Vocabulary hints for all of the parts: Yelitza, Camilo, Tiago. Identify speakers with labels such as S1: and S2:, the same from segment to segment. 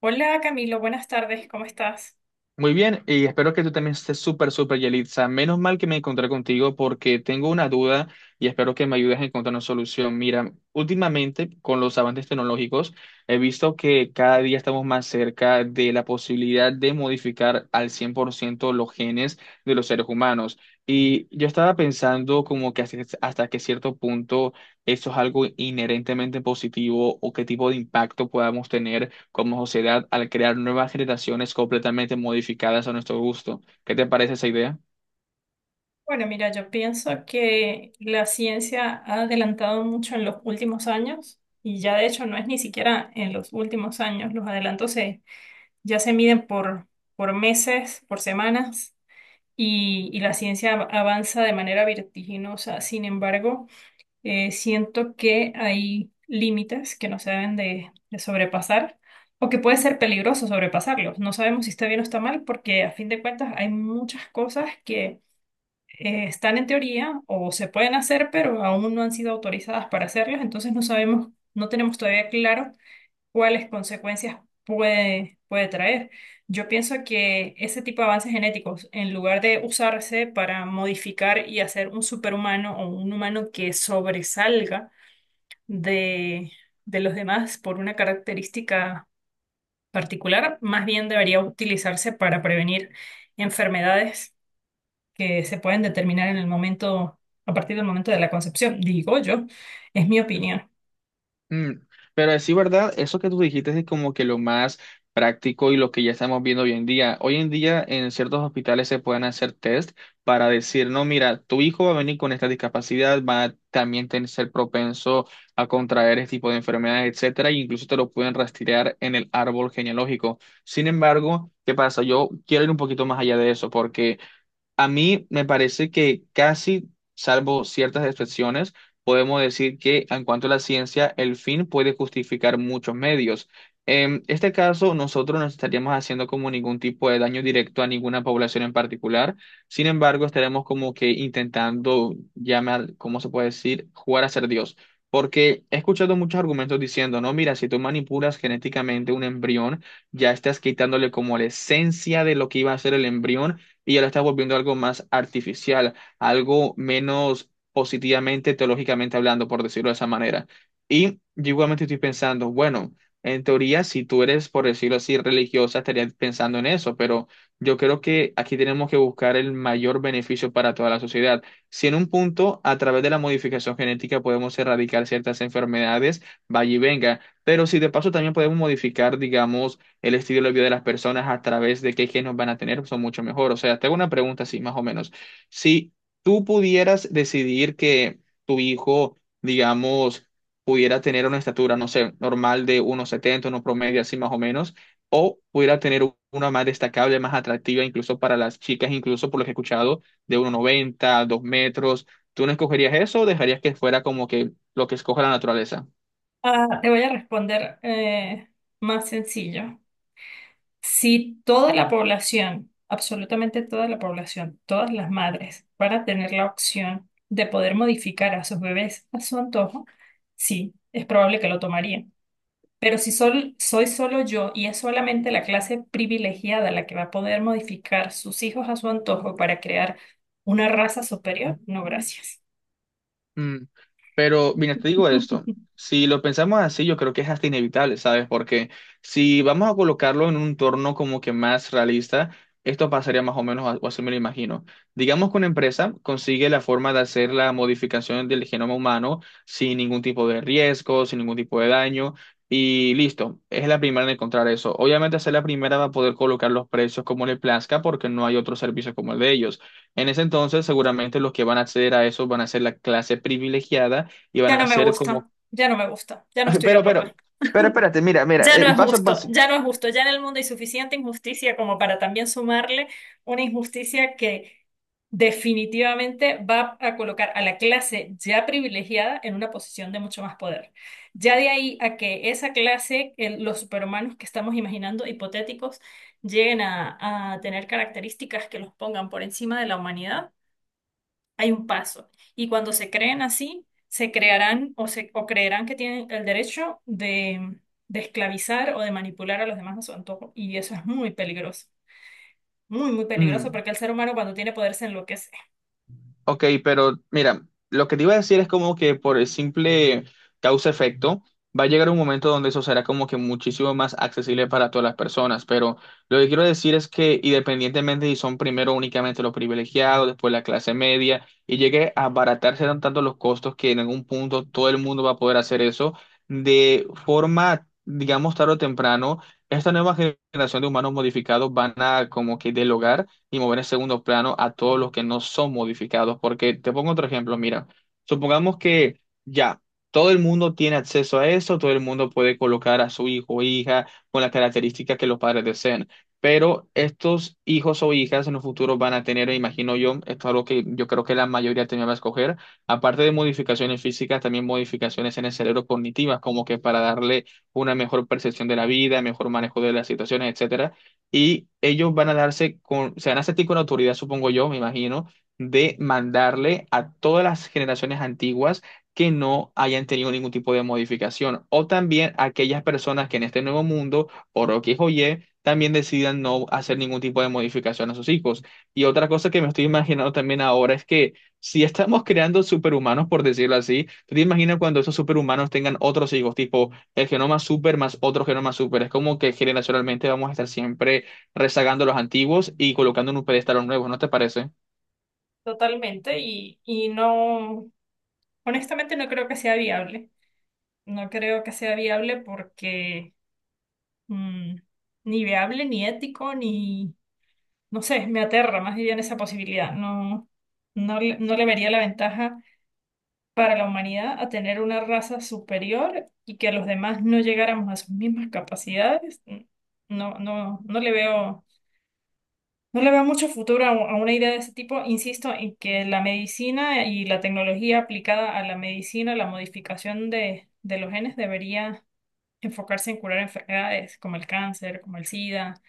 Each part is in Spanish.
S1: Hola Camilo, buenas tardes, ¿cómo estás?
S2: Muy bien, y espero que tú también estés súper, súper, Yelitza. Menos mal que me encontré contigo porque tengo una duda y espero que me ayudes a encontrar una solución. Mira, últimamente con los avances tecnológicos he visto que cada día estamos más cerca de la posibilidad de modificar al 100% los genes de los seres humanos. Y yo estaba pensando como que hasta que cierto punto eso es algo inherentemente positivo o qué tipo de impacto podamos tener como sociedad al crear nuevas generaciones completamente modificadas a nuestro gusto. ¿Qué te parece esa idea?
S1: Bueno, mira, yo pienso que la ciencia ha adelantado mucho en los últimos años y ya de hecho no es ni siquiera en los últimos años, los adelantos se, ya se miden por meses, por semanas y la ciencia avanza de manera vertiginosa. Sin embargo, siento que hay límites que no se deben de sobrepasar o que puede ser peligroso sobrepasarlos. No sabemos si está bien o está mal porque a fin de cuentas hay muchas cosas que están en teoría o se pueden hacer, pero aún no han sido autorizadas para hacerlas, entonces no sabemos, no tenemos todavía claro cuáles consecuencias puede traer. Yo pienso que ese tipo de avances genéticos, en lugar de usarse para modificar y hacer un superhumano o un humano que sobresalga, de, de los demás por una característica particular, más bien debería utilizarse para prevenir enfermedades que se pueden determinar en el momento, a partir del momento de la concepción, digo yo, es mi opinión.
S2: Mm. Pero sí, ¿verdad? Eso que tú dijiste es como que lo más práctico y lo que ya estamos viendo hoy en día. Hoy en día en ciertos hospitales se pueden hacer test para decir, no, mira, tu hijo va a venir con esta discapacidad, va a también tener, ser propenso a contraer este tipo de enfermedades, etcétera, e incluso te lo pueden rastrear en el árbol genealógico. Sin embargo, ¿qué pasa? Yo quiero ir un poquito más allá de eso porque a mí me parece que casi, salvo ciertas excepciones, podemos decir que en cuanto a la ciencia, el fin puede justificar muchos medios. En este caso, nosotros no estaríamos haciendo como ningún tipo de daño directo a ninguna población en particular. Sin embargo, estaremos como que intentando llamar, ¿cómo se puede decir?, jugar a ser Dios. Porque he escuchado muchos argumentos diciendo, no, mira, si tú manipulas genéticamente un embrión, ya estás quitándole como la esencia de lo que iba a ser el embrión y ya lo estás volviendo algo más artificial, algo menos positivamente, teológicamente hablando, por decirlo de esa manera. Y yo igualmente estoy pensando, bueno, en teoría, si tú eres, por decirlo así, religiosa, estarías pensando en eso, pero yo creo que aquí tenemos que buscar el mayor beneficio para toda la sociedad. Si en un punto, a través de la modificación genética, podemos erradicar ciertas enfermedades, vaya y venga, pero si de paso también podemos modificar, digamos, el estudio del vida de las personas a través de qué genes van a tener son mucho mejor. O sea, te hago una pregunta así, más o menos. Si tú pudieras decidir que tu hijo, digamos, pudiera tener una estatura, no sé, normal de 1,70, uno promedio, así más o menos, o pudiera tener una más destacable, más atractiva, incluso para las chicas, incluso por lo que he escuchado, de 1,90, 2 metros, ¿tú no escogerías eso o dejarías que fuera como que lo que escoge la naturaleza?
S1: Ah, te voy a responder más sencillo. Si toda la población, absolutamente toda la población, todas las madres, van a tener la opción de poder modificar a sus bebés a su antojo, sí, es probable que lo tomarían. Pero si soy solo yo y es solamente la clase privilegiada la que va a poder modificar sus hijos a su antojo para crear una raza superior, no, gracias.
S2: Pero mira, te digo esto, si lo pensamos así, yo creo que es hasta inevitable, ¿sabes? Porque si vamos a colocarlo en un entorno como que más realista, esto pasaría más o menos, o así me lo imagino. Digamos que una empresa consigue la forma de hacer la modificación del genoma humano sin ningún tipo de riesgo, sin ningún tipo de daño, y listo, es la primera en encontrar eso. Obviamente, ser la primera va a poder colocar los precios como le plazca porque no hay otro servicio como el de ellos. En ese entonces, seguramente los que van a acceder a eso van a ser la clase privilegiada y van
S1: Ya no
S2: a
S1: me
S2: ser como...
S1: gusta, ya no me gusta, ya no estoy de
S2: Pero, pero,
S1: acuerdo.
S2: pero espérate, mira, mira,
S1: Ya no
S2: el
S1: es
S2: paso a
S1: justo,
S2: paso.
S1: ya no es justo, ya en el mundo hay suficiente injusticia como para también sumarle una injusticia que definitivamente va a colocar a la clase ya privilegiada en una posición de mucho más poder. Ya de ahí a que esa clase, los superhumanos que estamos imaginando, hipotéticos, lleguen a tener características que los pongan por encima de la humanidad hay un paso. Y cuando se creen así, se crearán o, se, o creerán que tienen el derecho de esclavizar o de manipular a los demás a su antojo. Y eso es muy peligroso, muy, muy peligroso,
S2: Mm.
S1: porque el ser humano cuando tiene poder se enloquece
S2: Ok, pero mira, lo que te iba a decir es como que por el simple causa-efecto, va a llegar un momento donde eso será como que muchísimo más accesible para todas las personas, pero lo que quiero decir es que independientemente si son primero únicamente los privilegiados, después la clase media, y llegue a abaratarse tanto los costos que en algún punto todo el mundo va a poder hacer eso, de forma, digamos, tarde o temprano, esta nueva generación de humanos modificados van a como que del y mover en segundo plano a todos los que no son modificados. Porque te pongo otro ejemplo, mira, supongamos que ya todo el mundo tiene acceso a eso, todo el mundo puede colocar a su hijo o hija con las características que los padres deseen. Pero estos hijos o hijas en el futuro van a tener, imagino yo, esto es algo que yo creo que la mayoría tenía que escoger, aparte de modificaciones físicas, también modificaciones en el cerebro cognitivas, como que para darle una mejor percepción de la vida, mejor manejo de las situaciones, etcétera, y ellos van a darse con, se van a sentir con la autoridad, supongo yo, me imagino, de mandarle a todas las generaciones antiguas que no hayan tenido ningún tipo de modificación, o también a aquellas personas que en este nuevo mundo, por lo que es oye, también decidan no hacer ningún tipo de modificación a sus hijos. Y otra cosa que me estoy imaginando también ahora es que si estamos creando superhumanos, por decirlo así, ¿tú te imaginas cuando esos superhumanos tengan otros hijos, tipo el genoma super más otro genoma super? Es como que generacionalmente vamos a estar siempre rezagando los antiguos y colocando en un pedestal a los nuevos, ¿no te parece?
S1: totalmente y no, honestamente no creo que sea viable. No creo que sea viable porque mm, ni viable, ni ético, ni, no sé, me aterra más bien esa posibilidad. No, no, no le vería la ventaja para la humanidad a tener una raza superior y que los demás no llegáramos a sus mismas capacidades, no, no, no le veo, no le veo mucho futuro a, a una idea de ese tipo. Insisto en que la medicina y la tecnología aplicada a la medicina, la modificación de los genes debería enfocarse en curar enfermedades como el cáncer, como el SIDA,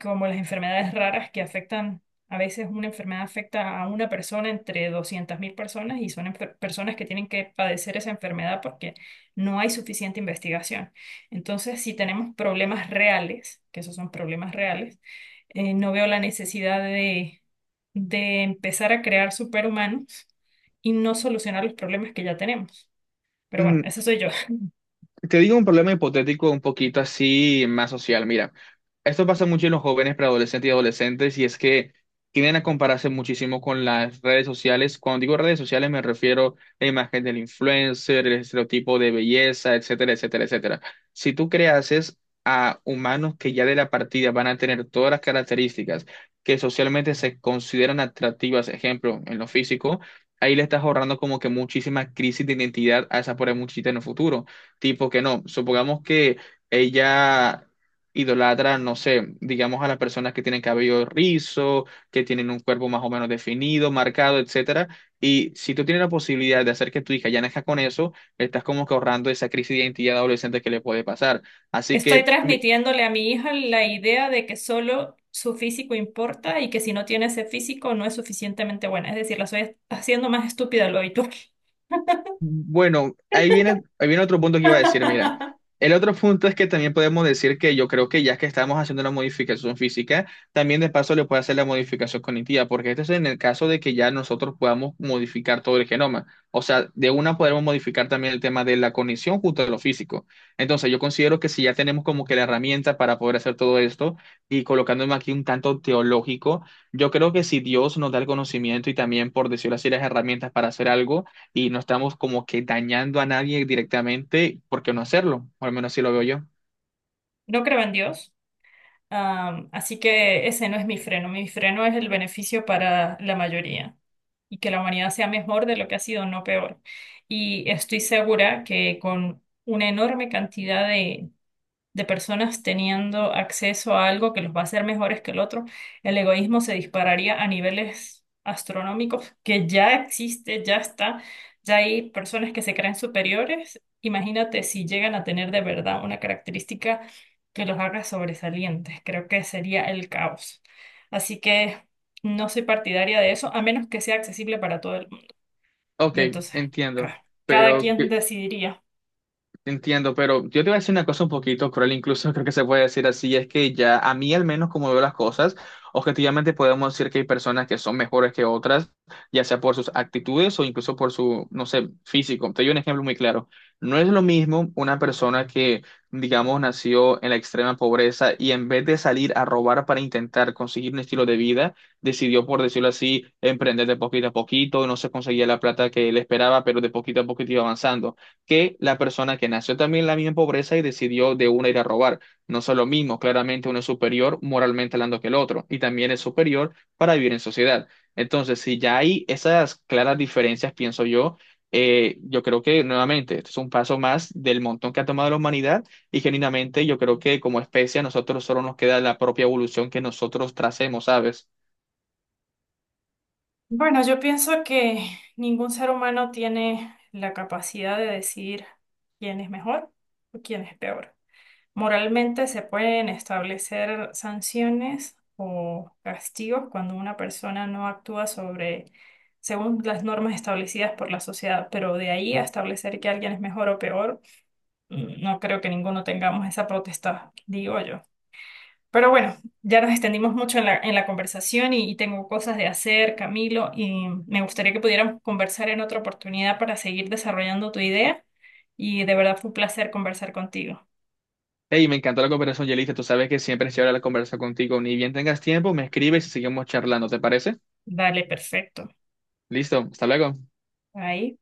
S1: como las enfermedades raras que afectan, a veces una enfermedad afecta a una persona entre 200.000 personas y son personas que tienen que padecer esa enfermedad porque no hay suficiente investigación. Entonces, si tenemos problemas reales, que esos son problemas reales, no veo la necesidad de empezar a crear superhumanos y no solucionar los problemas que ya tenemos. Pero bueno, ese soy yo.
S2: Te digo un problema hipotético un poquito así más social. Mira, esto pasa mucho en los jóvenes, preadolescentes y adolescentes, y es que tienden a compararse muchísimo con las redes sociales. Cuando digo redes sociales me refiero a la imagen del influencer, el estereotipo de belleza, etcétera, etcétera, etcétera. Si tú creases a humanos que ya de la partida van a tener todas las características que socialmente se consideran atractivas, ejemplo, en lo físico, ahí le estás ahorrando como que muchísima crisis de identidad a esa pobre muchita en el futuro. Tipo que no, supongamos que ella idolatra, no sé, digamos a las personas que tienen cabello rizo, que tienen un cuerpo más o menos definido, marcado, etcétera. Y si tú tienes la posibilidad de hacer que tu hija ya nazca con eso, estás como que ahorrando esa crisis de identidad adolescente que le puede pasar. Así
S1: Estoy
S2: que
S1: transmitiéndole a mi hija la idea de que solo su físico importa y que si no tiene ese físico no es suficientemente buena. Es decir, la estoy haciendo más estúpida de lo habitual.
S2: bueno, ahí viene otro punto que iba a decir, mira. El otro punto es que también podemos decir que yo creo que ya que estamos haciendo la modificación física, también de paso le puede hacer la modificación cognitiva, porque esto es en el caso de que ya nosotros podamos modificar todo el genoma. O sea, de una podemos modificar también el tema de la cognición junto a lo físico. Entonces, yo considero que si ya tenemos como que la herramienta para poder hacer todo esto y colocándome aquí un tanto teológico, yo creo que si Dios nos da el conocimiento y también, por decirlo así, las herramientas para hacer algo, y no estamos como que dañando a nadie directamente, ¿por qué no hacerlo? O al menos así lo veo yo.
S1: No creo en Dios. Así que ese no es mi freno. Mi freno es el beneficio para la mayoría y que la humanidad sea mejor de lo que ha sido, no peor. Y estoy segura que con una enorme cantidad de personas teniendo acceso a algo que los va a hacer mejores que el otro, el egoísmo se dispararía a niveles astronómicos que ya existe, ya está, ya hay personas que se creen superiores. Imagínate si llegan a tener de verdad una característica que los haga sobresalientes. Creo que sería el caos. Así que no soy partidaria de eso, a menos que sea accesible para todo el mundo.
S2: Ok,
S1: Y entonces,
S2: entiendo.
S1: cada
S2: Pero,
S1: quien decidiría.
S2: entiendo, pero yo te voy a decir una cosa un poquito cruel, incluso creo que se puede decir así, es que ya a mí al menos como veo las cosas, objetivamente podemos decir que hay personas que son mejores que otras, ya sea por sus actitudes o incluso por su, no sé, físico. Te doy un ejemplo muy claro. No es lo mismo una persona que, digamos, nació en la extrema pobreza y en vez de salir a robar para intentar conseguir un estilo de vida, decidió, por decirlo así, emprender de poquito a poquito, no se conseguía la plata que él esperaba, pero de poquito a poquito iba avanzando que la persona que nació también en la misma pobreza y decidió de una ir a robar. No son lo mismo, claramente uno es superior moralmente hablando que el otro y también es superior para vivir en sociedad. Entonces, si ya hay esas claras diferencias, pienso yo, yo creo que nuevamente esto es un paso más del montón que ha tomado la humanidad y genuinamente yo creo que como especie a nosotros solo nos queda la propia evolución que nosotros tracemos, ¿sabes?
S1: Bueno, yo pienso que ningún ser humano tiene la capacidad de decir quién es mejor o quién es peor. Moralmente se pueden establecer sanciones o castigos cuando una persona no actúa sobre, según las normas establecidas por la sociedad, pero de ahí a establecer que alguien es mejor o peor, mm, no creo que ninguno tengamos esa protesta, digo yo. Pero bueno, ya nos extendimos mucho en la conversación y tengo cosas de hacer, Camilo, y me gustaría que pudiéramos conversar en otra oportunidad para seguir desarrollando tu idea. Y de verdad fue un placer conversar contigo.
S2: Hey, me encantó la conversación, Yelita. Tú sabes que siempre es chévere la conversa contigo. Ni bien tengas tiempo, me escribes y seguimos charlando, ¿te parece?
S1: Dale, perfecto.
S2: Listo, hasta luego.
S1: Ahí.